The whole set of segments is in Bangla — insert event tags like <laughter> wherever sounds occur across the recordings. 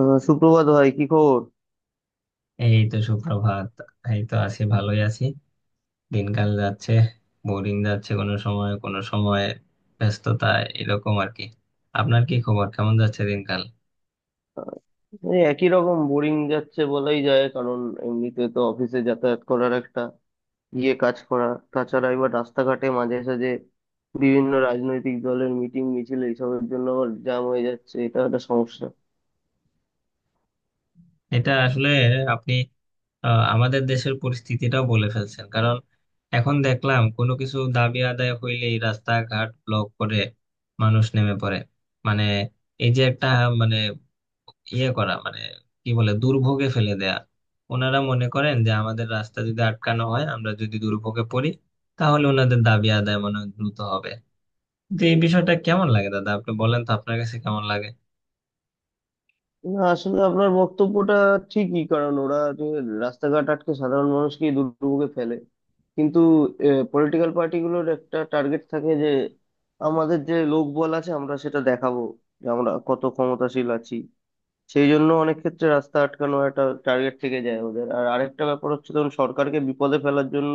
সুপ্রভাত ভাই, কি খবর? এই তো সুপ্রভাত, এই তো আছি, ভালোই আছি। দিনকাল যাচ্ছে, বোরিং যাচ্ছে কোনো সময়, কোনো সময় ব্যস্ততা, এরকম আর কি। আপনার কি খবর, কেমন যাচ্ছে দিনকাল? আহ, এই একই রকম বোরিং যাচ্ছে বলাই যায়, কারণ এমনিতে তো অফিসে যাতায়াত করার একটা, গিয়ে কাজ করা, তাছাড়া এবার রাস্তাঘাটে মাঝে সাঝে বিভিন্ন রাজনৈতিক দলের মিটিং মিছিল এইসবের জন্য আবার জ্যাম হয়ে যাচ্ছে, এটা একটা সমস্যা। এটা আসলে আপনি আমাদের দেশের পরিস্থিতিটাও বলে ফেলছেন, কারণ এখন দেখলাম কোনো কিছু দাবি আদায় হইলেই রাস্তাঘাট ব্লক করে মানুষ নেমে পড়ে। মানে এই যে একটা, মানে ইয়ে করা মানে কি বলে দুর্ভোগে ফেলে দেয়া। ওনারা মনে করেন যে আমাদের রাস্তা যদি আটকানো হয়, আমরা যদি দুর্ভোগে পড়ি, তাহলে ওনাদের দাবি আদায় মনে হয় দ্রুত হবে। তো এই বিষয়টা কেমন লাগে দাদা, আপনি বলেন তো আপনার কাছে কেমন লাগে? না, আসলে আপনার বক্তব্যটা ঠিকই, কারণ ওরা যে রাস্তাঘাট আটকে সাধারণ মানুষকে দুর্ভোগে ফেলে, কিন্তু পলিটিক্যাল পার্টিগুলোর একটা টার্গেট থাকে যে আমাদের যে লোকবল আছে আমরা সেটা দেখাবো, যে আমরা কত ক্ষমতাশীল আছি। সেই জন্য অনেক ক্ষেত্রে রাস্তা আটকানো একটা টার্গেট থেকে যায় ওদের। আর আরেকটা ব্যাপার হচ্ছে, ধরুন সরকারকে বিপদে ফেলার জন্য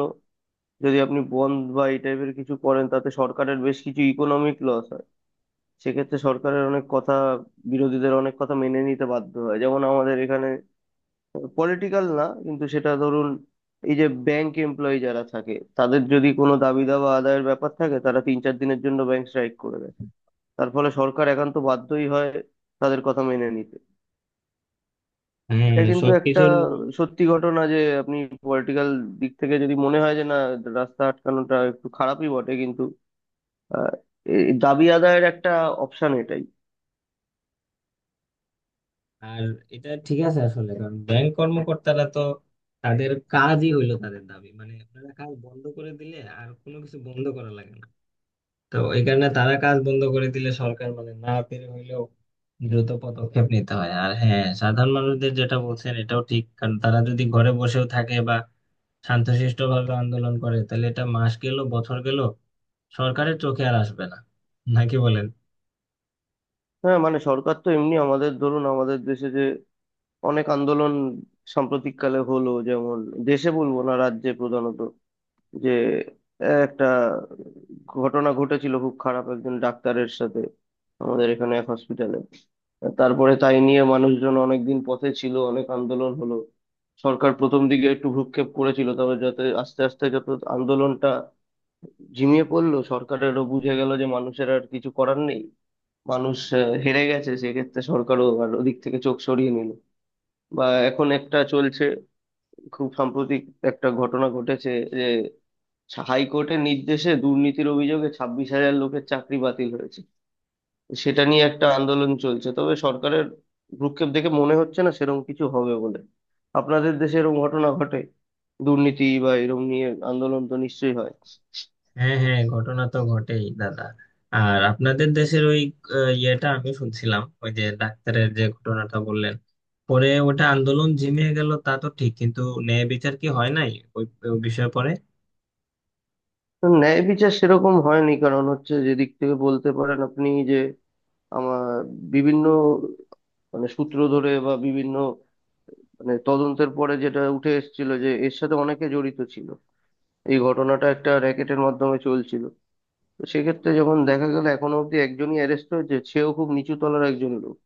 যদি আপনি বন্ধ বা এই টাইপের কিছু করেন, তাতে সরকারের বেশ কিছু ইকোনমিক লস। সেক্ষেত্রে সরকারের অনেক কথা, বিরোধীদের অনেক কথা মেনে নিতে বাধ্য হয়। যেমন আমাদের এখানে পলিটিক্যাল না, কিন্তু সেটা ধরুন, এই যে ব্যাংক এমপ্লয়ি যারা থাকে, তাদের যদি কোনো দাবি দাওয়া আদায়ের ব্যাপার থাকে, তারা 3-4 দিনের জন্য ব্যাংক স্ট্রাইক করে দেয়। তার ফলে সরকার একান্ত বাধ্যই হয় তাদের কথা মেনে নিতে। হ্যাঁ, এটা কিন্তু একটা সবকিছুর মূল। সত্যি ঘটনা যে আপনি পলিটিক্যাল দিক থেকে যদি মনে হয় যে না, রাস্তা আটকানোটা একটু খারাপই বটে, কিন্তু আহ, এই দাবি আদায়ের একটা অপশন এটাই। আর এটা ঠিক আছে আসলে, কারণ ব্যাংক কর্মকর্তারা তো, তাদের কাজই হইলো তাদের দাবি, মানে আপনারা কাজ বন্ধ করে দিলে আর কোনো কিছু বন্ধ করা লাগে না। তো এই কারণে তারা কাজ বন্ধ করে দিলে সরকার মানে না পেরে হইলেও দ্রুত পদক্ষেপ নিতে হয়। আর হ্যাঁ, সাধারণ মানুষদের যেটা বলছেন এটাও ঠিক, কারণ তারা যদি ঘরে বসেও থাকে বা শান্তশিষ্ট ভাবে আন্দোলন করে, তাহলে এটা মাস গেল বছর গেল, সরকারের চোখে আর আসবে না। নাকি বলেন? হ্যাঁ, মানে সরকার তো এমনি, আমাদের ধরুন আমাদের দেশে যে অনেক আন্দোলন সাম্প্রতিককালে হলো, যেমন দেশে বলবো না, রাজ্যে প্রধানত, যে একটা ঘটনা ঘটেছিল খুব খারাপ, একজন ডাক্তারের সাথে আমাদের এখানে এক হসপিটালে। তারপরে তাই নিয়ে মানুষজন অনেকদিন পথে ছিল, অনেক আন্দোলন হলো। সরকার প্রথম দিকে একটু ভ্রুক্ষেপ করেছিল, তবে যাতে আস্তে আস্তে যত আন্দোলনটা ঝিমিয়ে পড়লো, সরকারেরও বুঝে গেল যে মানুষের আর কিছু করার নেই, মানুষ হেরে গেছে, সেক্ষেত্রে সরকারও আর ওদিক থেকে চোখ সরিয়ে নিল। বা এখন একটা চলছে, খুব সাম্প্রতিক একটা ঘটনা ঘটেছে, যে হাইকোর্টের নির্দেশে দুর্নীতির অভিযোগে 26,000 লোকের চাকরি বাতিল হয়েছে। সেটা নিয়ে একটা আন্দোলন চলছে, তবে সরকারের ভ্রুক্ষেপ দেখে মনে হচ্ছে না সেরকম কিছু হবে বলে। আপনাদের দেশে এরকম ঘটনা ঘটে? দুর্নীতি বা এরকম নিয়ে আন্দোলন তো নিশ্চয়ই হয়। হ্যাঁ হ্যাঁ, ঘটনা তো ঘটেই দাদা। আর আপনাদের দেশের ওই ইয়েটা আমি শুনছিলাম, ওই যে ডাক্তারের যে ঘটনাটা বললেন, পরে ওটা আন্দোলন ঝিমিয়ে গেল তা তো ঠিক, কিন্তু ন্যায় বিচার কি হয় নাই ওই, ওই বিষয়ে পরে? তো ন্যায় বিচার সেরকম হয়নি, কারণ হচ্ছে যেদিক থেকে বলতে পারেন আপনি, আমার বিভিন্ন মানে সূত্র ধরে বা বিভিন্ন মানে তদন্তের পরে যেটা উঠে এসেছিল যে এর সাথে অনেকে জড়িত ছিল, এই ঘটনাটা একটা র্যাকেটের মাধ্যমে চলছিল। তো সেক্ষেত্রে যখন দেখা গেল এখনো অব্দি একজনই অ্যারেস্ট হয়েছে, সেও খুব নিচু তলার একজন লোক।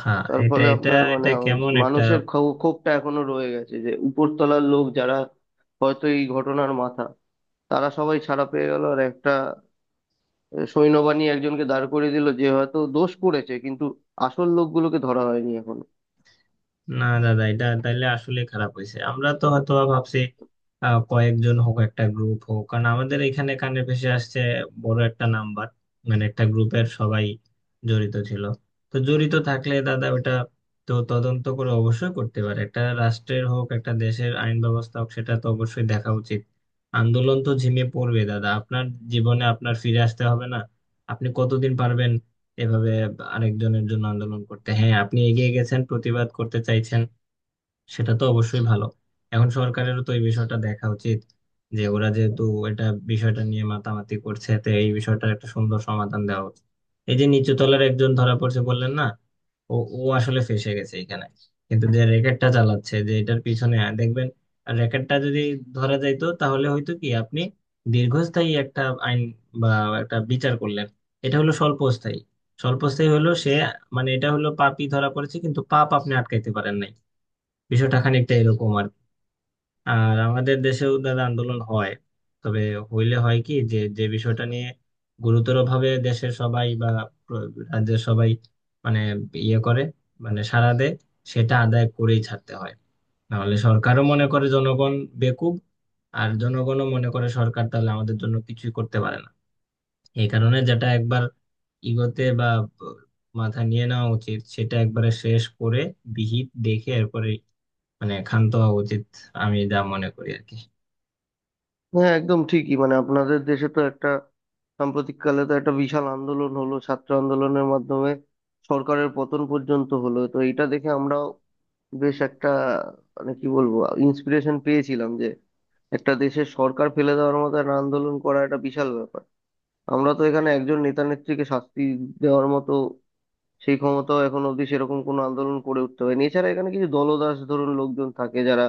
হ্যাঁ, তার এটা ফলে এটা আপনার মানে এটা কেমন একটা। মানুষের ক্ষোভটা এখনো রয়ে গেছে যে উপরতলার লোক যারা হয়তো এই ঘটনার মাথা, তারা সবাই ছাড়া পেয়ে গেল, আর একটা সৈন্যবাহিনী একজনকে দাঁড় করিয়ে দিল যে হয়তো দোষ করেছে, কিন্তু আসল লোকগুলোকে ধরা হয়নি এখনো। না দাদা, এটা তাইলে আসলে খারাপ হয়েছে। আমরা তো হয়তো ভাবছি কয়েকজন হোক, একটা গ্রুপ হোক, কারণ আমাদের এখানে কানে ভেসে আসছে বড় একটা নাম্বার, মানে একটা গ্রুপের সবাই জড়িত ছিল। তো জড়িত থাকলে দাদা, ওটা তো তদন্ত করে অবশ্যই করতে পারে, একটা রাষ্ট্রের হোক, একটা দেশের আইন ব্যবস্থা হোক, সেটা তো অবশ্যই দেখা উচিত। আন্দোলন তো ঝিমিয়ে পড়বে দাদা, আপনার জীবনে আপনার ফিরে আসতে হবে না? আপনি কতদিন পারবেন এভাবে আরেকজনের জন্য আন্দোলন করতে? হ্যাঁ, আপনি এগিয়ে গেছেন, প্রতিবাদ করতে চাইছেন, সেটা তো অবশ্যই ভালো। এখন সরকারেরও তো এই বিষয়টা দেখা উচিত যে ওরা যেহেতু এটা বিষয়টা নিয়ে মাতামাতি করছে, তো এই বিষয়টার একটা সুন্দর সমাধান দেওয়া উচিত। এই যে নিচু তলার একজন ধরা পড়ছে বললেন না, ও ও আসলে ফেঁসে গেছে এখানে, কিন্তু যে র্যাকেটটা চালাচ্ছে, যে এটার পিছনে দেখবেন, র্যাকেটটা যদি ধরা যাইতো তাহলে হয়তো কি আপনি দীর্ঘস্থায়ী একটা আইন বা একটা বিচার করলেন। এটা হলো স্বল্পস্থায়ী, স্বল্পস্থায়ী হলো সে, মানে এটা হলো পাপই ধরা পড়েছে কিন্তু পাপ আপনি আটকাইতে পারেন নাই। বিষয়টা খানিকটা এরকম আর কি। আর আমাদের দেশেও দাদা আন্দোলন হয়, তবে হইলে হয় কি, যে যে বিষয়টা নিয়ে গুরুতরভাবে দেশের সবাই বা রাজ্যের সবাই মানে ইয়ে করে, মানে সাড়া দেয়, সেটা আদায় করেই ছাড়তে হয়। নাহলে সরকারও মনে করে জনগণ বেকুব, আর জনগণও মনে করে সরকার তাহলে আমাদের জন্য কিছুই করতে পারে না। এই কারণে যেটা একবার ইগোতে বা মাথা নিয়ে নেওয়া উচিত, সেটা একবারে শেষ করে, বিহিত দেখে এরপরে মানে ক্ষান্ত হওয়া উচিত। আমি যা মনে করি আর কি। হ্যাঁ, একদম ঠিকই, মানে আপনাদের দেশে তো একটা সাম্প্রতিককালে তো একটা বিশাল আন্দোলন হলো, ছাত্র আন্দোলনের মাধ্যমে সরকারের পতন পর্যন্ত হলো। তো এটা দেখে আমরাও বেশ একটা, মানে কি বলবো, ইন্সপিরেশন পেয়েছিলাম যে একটা দেশের সরকার ফেলে দেওয়ার মতো একটা আন্দোলন করা একটা বিশাল ব্যাপার। আমরা তো এখানে একজন নেতা নেত্রীকে শাস্তি দেওয়ার মতো সেই ক্ষমতাও এখন অবধি সেরকম কোনো আন্দোলন করে উঠতে হয়নি। এছাড়া এখানে কিছু দলদাস ধরুন লোকজন থাকে যারা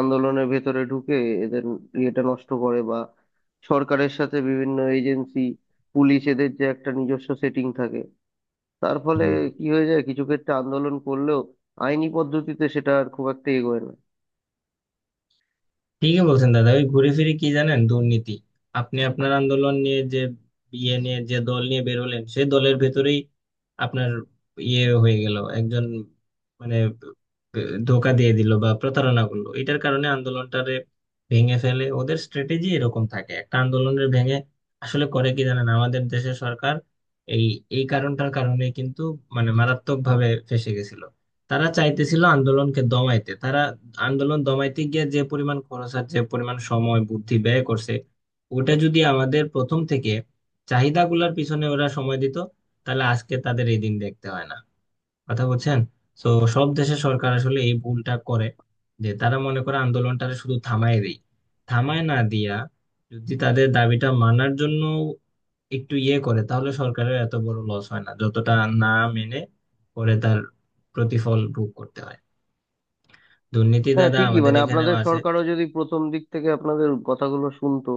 আন্দোলনের ভেতরে ঢুকে এদের ইয়েটা নষ্ট করে, বা সরকারের সাথে বিভিন্ন এজেন্সি, পুলিশ এদের যে একটা নিজস্ব সেটিং থাকে, তার ফলে হম, কি হয়ে যায় কিছু ক্ষেত্রে আন্দোলন করলেও আইনি পদ্ধতিতে সেটা আর খুব একটা এগোয় না। ঠিকই বলছেন দাদা। ওই ঘুরে ফিরে কি জানেন, দুর্নীতি। আপনি আপনার আন্দোলন নিয়ে যে ইয়ে নিয়ে যে দল নিয়ে বেরোলেন, সেই দলের ভেতরেই আপনার ইয়ে হয়ে গেল একজন, মানে ধোকা দিয়ে দিল বা প্রতারণা করলো। এটার কারণে আন্দোলনটারে ভেঙে ফেলে, ওদের স্ট্র্যাটেজি এরকম থাকে একটা আন্দোলনের ভেঙে। আসলে করে কি জানেন আমাদের দেশের সরকার এই, এই কারণটার কারণে কিন্তু মানে মারাত্মক ভাবে ফেঁসে গেছিল। তারা চাইতেছিল আন্দোলনকে দমাইতে, তারা আন্দোলন দমাইতে গিয়ে যে পরিমাণ খরচ আর যে পরিমাণ সময় বুদ্ধি ব্যয় করছে, ওটা যদি আমাদের প্রথম থেকে চাহিদাগুলোর পিছনে ওরা সময় দিত, তাহলে আজকে তাদের এই দিন দেখতে হয় না। কথা বলছেন। তো সব দেশের সরকার আসলে এই ভুলটা করে, যে তারা মনে করে আন্দোলনটারে শুধু থামায় দেয়। থামায় না দিয়া, যদি তাদের দাবিটা মানার জন্য একটু ইয়ে করে, তাহলে সরকারের এত বড় লস হয় না, যতটা না মেনে পরে তার প্রতিফল ভোগ করতে হয়। দুর্নীতি হ্যাঁ, দাদা ঠিকই, আমাদের মানে এখানেও আপনাদের আছে। সরকারও যদি প্রথম দিক থেকে আপনাদের কথাগুলো শুনতো,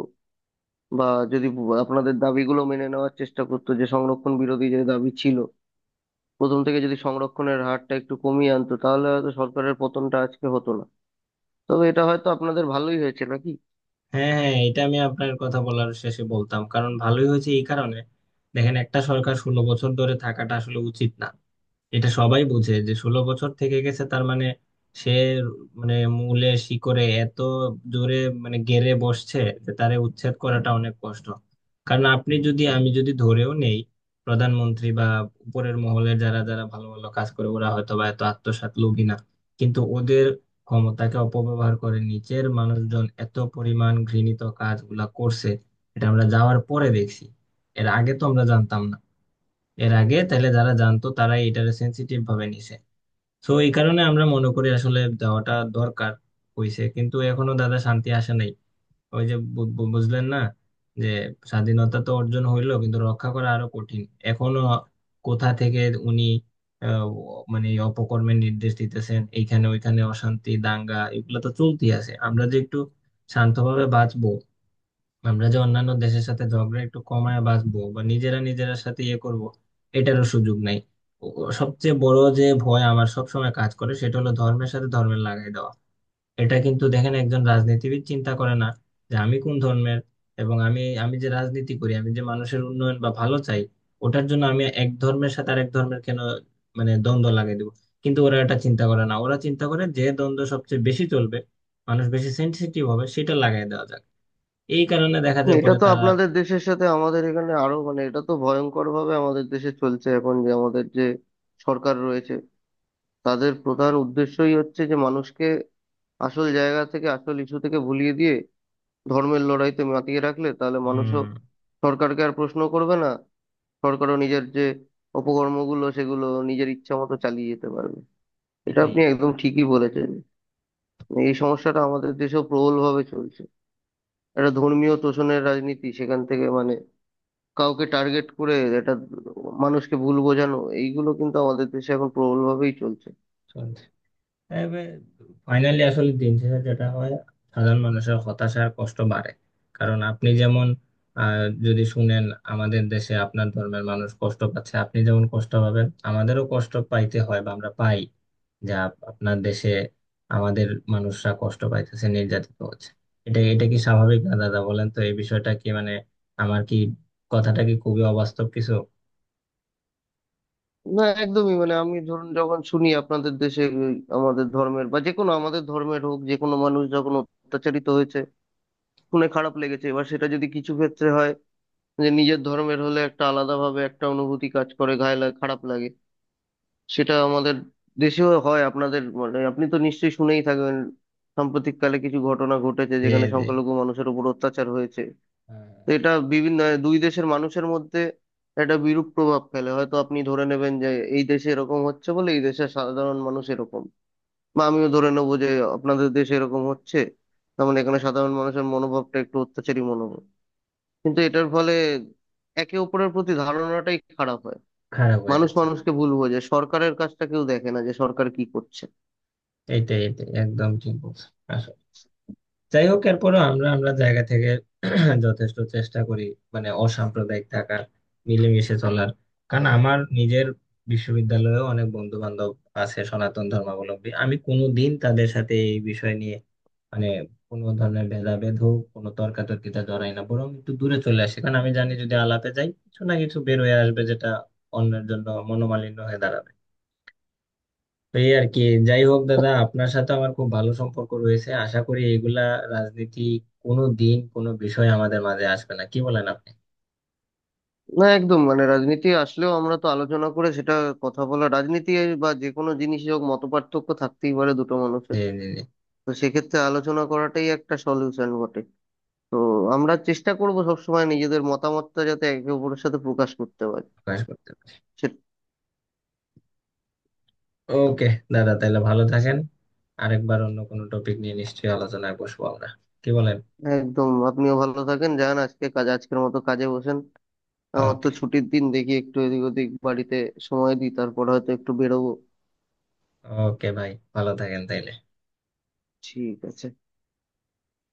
বা যদি আপনাদের দাবিগুলো মেনে নেওয়ার চেষ্টা করতো, যে সংরক্ষণ বিরোধী যে দাবি ছিল, প্রথম থেকে যদি সংরক্ষণের হারটা একটু কমিয়ে আনতো, তাহলে হয়তো সরকারের পতনটা আজকে হতো না। তবে এটা হয়তো আপনাদের ভালোই হয়েছে, নাকি? হ্যাঁ হ্যাঁ, এটা আমি আপনার কথা বলার শেষে বলতাম, কারণ ভালোই হয়েছে এই কারণে। দেখেন, একটা সরকার 16 বছর ধরে থাকাটা আসলে উচিত না। এটা সবাই বুঝে যে 16 বছর থেকে গেছে, তার মানে সে, মানে মূলে শিকড়ে এত জোরে মানে গেড়ে বসছে যে তারে উচ্ছেদ করাটা অনেক কষ্ট। কারণ আপনি যদি, আমি যদি ধরেও নেই প্রধানমন্ত্রী বা উপরের মহলে যারা যারা ভালো ভালো কাজ করে ওরা হয়তো বা এত আত্মসাৎ লোভী না, কিন্তু ওদের ক্ষমতাকে অপব্যবহার করে নিচের মানুষজন এত পরিমাণ ঘৃণিত কাজগুলা করছে, এটা আমরা যাওয়ার পরে দেখছি। এর আগে তো আমরা জানতাম না। এর আগে তাহলে যারা জানতো, তারা এটারে সেন্সিটিভ ভাবে নিছে। তো এই কারণে আমরা মনে করি আসলে দেওয়াটা দরকার হইছে, কিন্তু এখনো দাদা শান্তি আসে নাই। ওই যে বু- বু- বুঝলেন না, যে স্বাধীনতা তো অর্জন হইলো কিন্তু রক্ষা করা আরো কঠিন। এখনো কোথা থেকে উনি আহ, মানে এই অপকর্মের নির্দেশ দিতেছেন, এইখানে ওইখানে অশান্তি দাঙ্গা এগুলো তো চলতেই আছে। আমরা যে একটু শান্তভাবে বাঁচবো, আমরা যে অন্যান্য দেশের সাথে ঝগড়া একটু কমায় বাঁচবো বা নিজেরা নিজেরা সাথে ইয়ে করব, এটারও সুযোগ নাই। ও সবচেয়ে বড় যে ভয় আমার সবসময় কাজ করে, সেটা হলো ধর্মের সাথে ধর্মের লাগাই দেওয়া। এটা কিন্তু দেখেন একজন রাজনীতিবিদ চিন্তা করে না যে আমি কোন ধর্মের, এবং আমি আমি যে রাজনীতি করি, আমি যে মানুষের উন্নয়ন বা ভালো চাই, ওটার জন্য আমি এক ধর্মের সাথে আরেক ধর্মের কেন মানে দ্বন্দ্ব লাগাই দেবো। কিন্তু ওরা এটা চিন্তা করে না, ওরা চিন্তা করে যে দ্বন্দ্ব সবচেয়ে বেশি চলবে, মানুষ বেশি সেনসিটিভ হবে, সেটা লাগাই দেওয়া যাক। এই কারণে দেখা যায় এটা পরে তো তারা, আপনাদের দেশের সাথে আমাদের এখানে আরো, মানে এটা তো ভয়ঙ্কর ভাবে আমাদের দেশে চলছে এখন। যে আমাদের যে সরকার রয়েছে, তাদের প্রধান উদ্দেশ্যই হচ্ছে যে মানুষকে আসল জায়গা থেকে, আসল ইস্যু থেকে ভুলিয়ে দিয়ে ধর্মের লড়াইতে মাতিয়ে রাখলে তাহলে মানুষও উম সরকারকে আর প্রশ্ন করবে না, সরকারও নিজের যে অপকর্মগুলো সেগুলো নিজের ইচ্ছা মতো চালিয়ে যেতে পারবে। এটা এটাই আপনি একদম ঠিকই বলেছেন। এই সমস্যাটা আমাদের দেশেও প্রবলভাবে চলছে, একটা ধর্মীয় তোষণের রাজনীতি। সেখান থেকে মানে কাউকে টার্গেট করে, এটা মানুষকে ভুল বোঝানো, এইগুলো কিন্তু আমাদের দেশে এখন প্রবলভাবেই চলছে। চলছে। তবে ফাইনালি আসলে দিন শেষে যেটা হয়, সাধারণ মানুষের হতাশা আর কষ্ট বাড়ে। কারণ আপনি যেমন, আহ, যদি শুনেন আমাদের দেশে আপনার ধর্মের মানুষ কষ্ট পাচ্ছে, আপনি যেমন কষ্ট পাবেন, আমাদেরও কষ্ট পাইতে হয় বা আমরা পাই যা আপনার দেশে আমাদের মানুষরা কষ্ট পাইতেছে, নির্যাতিত হচ্ছে। এটা, এটা কি স্বাভাবিক না দাদা বলেন তো? এই বিষয়টা কি মানে আমার, কি কথাটা কি খুবই অবাস্তব কিছু? না, একদমই, মানে আমি ধরুন যখন শুনি আপনাদের দেশে ওই আমাদের ধর্মের বা যে কোনো, আমাদের ধর্মের হোক যে কোনো মানুষ, যখন অত্যাচারিত হয়েছে শুনে খারাপ লেগেছে। এবার সেটা যদি কিছু ক্ষেত্রে হয় যে নিজের ধর্মের হলে একটা আলাদাভাবে একটা অনুভূতি কাজ করে, গায়ে লাগে, খারাপ লাগে, সেটা আমাদের দেশেও হয়। আপনাদের মানে আপনি তো নিশ্চয়ই শুনেই থাকবেন সাম্প্রতিককালে কিছু ঘটনা ঘটেছে যে যেখানে যে সংখ্যালঘু মানুষের উপর অত্যাচার হয়েছে। হ্যাঁ, তো এটা বিভিন্ন দুই দেশের মানুষের মধ্যে একটা বিরূপ প্রভাব ফেলে। হয়তো আপনি ধরে নেবেন যে এই দেশে এরকম হচ্ছে বলে এই দেশের সাধারণ মানুষ এরকম, বা আমিও ধরে নেবো যে আপনাদের দেশে এরকম হচ্ছে, তার মানে এখানে সাধারণ মানুষের মনোভাবটা একটু অত্যাচারী মনোভাব। কিন্তু এটার ফলে একে অপরের প্রতি ধারণাটাই খারাপ হয়, খারাপ হয়ে মানুষ যাচ্ছে। মানুষকে ভুল বোঝে, সরকারের কাজটা কেউ দেখে না যে সরকার কি করছে। এইটাই, এটাই একদম ঠিক বলছো। আসলে যাই হোক এরপরও আমরা আমরা জায়গা থেকে <clears throat> যথেষ্ট চেষ্টা করি মানে অসাম্প্রদায়িক থাকার, মিলেমিশে চলার। কারণ আমার নিজের বিশ্ববিদ্যালয়েও অনেক বন্ধু বান্ধব আছে সনাতন ধর্মাবলম্বী, আমি কোনোদিন তাদের সাথে এই বিষয় নিয়ে মানে কোনো ধরনের ভেদাভেদ হোক, কোনো তর্কাতর্কিতে জড়াই না, বরং একটু দূরে চলে আসি। কারণ আমি জানি যদি আলাপে যাই কিছু না কিছু বের হয়ে আসবে, যেটা অন্যের জন্য মনোমালিন্য হয়ে দাঁড়াবে। তো এই আর কি। যাই হোক দাদা, আপনার সাথে আমার খুব ভালো সম্পর্ক রয়েছে, আশা করি এগুলা রাজনীতি কোনো দিন কোনো বিষয় আমাদের মাঝে আসবে না। কি বলেন আপনি? না, একদম, মানে রাজনীতি আসলেও আমরা তো আলোচনা করে সেটা, কথা বলা, রাজনীতি বা যে কোনো জিনিসই হোক মতপার্থক্য থাকতেই পারে দুটো জি মানুষের। জি জি, তো সেক্ষেত্রে আলোচনা করাটাই একটা সলিউশন বটে। তো আমরা চেষ্টা করব সবসময় নিজেদের মতামতটা যাতে একে অপরের সাথে প্রকাশ করতে পারি। প্রকাশ করতে। সে- ওকে, দাদা তাহলে ভালো থাকেন। আরেকবার অন্য কোনো টপিক নিয়ে নিশ্চয়ই আলোচনায় বসবো আমরা। কি বলেন? একদম, আপনিও ভালো থাকেন, যান আজকে কাজ, আজকের মতো কাজে বসেন। আমার তো ওকে। ছুটির দিন, দেখি একটু এদিক ওদিক বাড়িতে সময় দিই, তারপর হয়তো একটু বেরোবো। ওকে ভাই, ভালো থাকেন তাইলে। ঠিক আছে।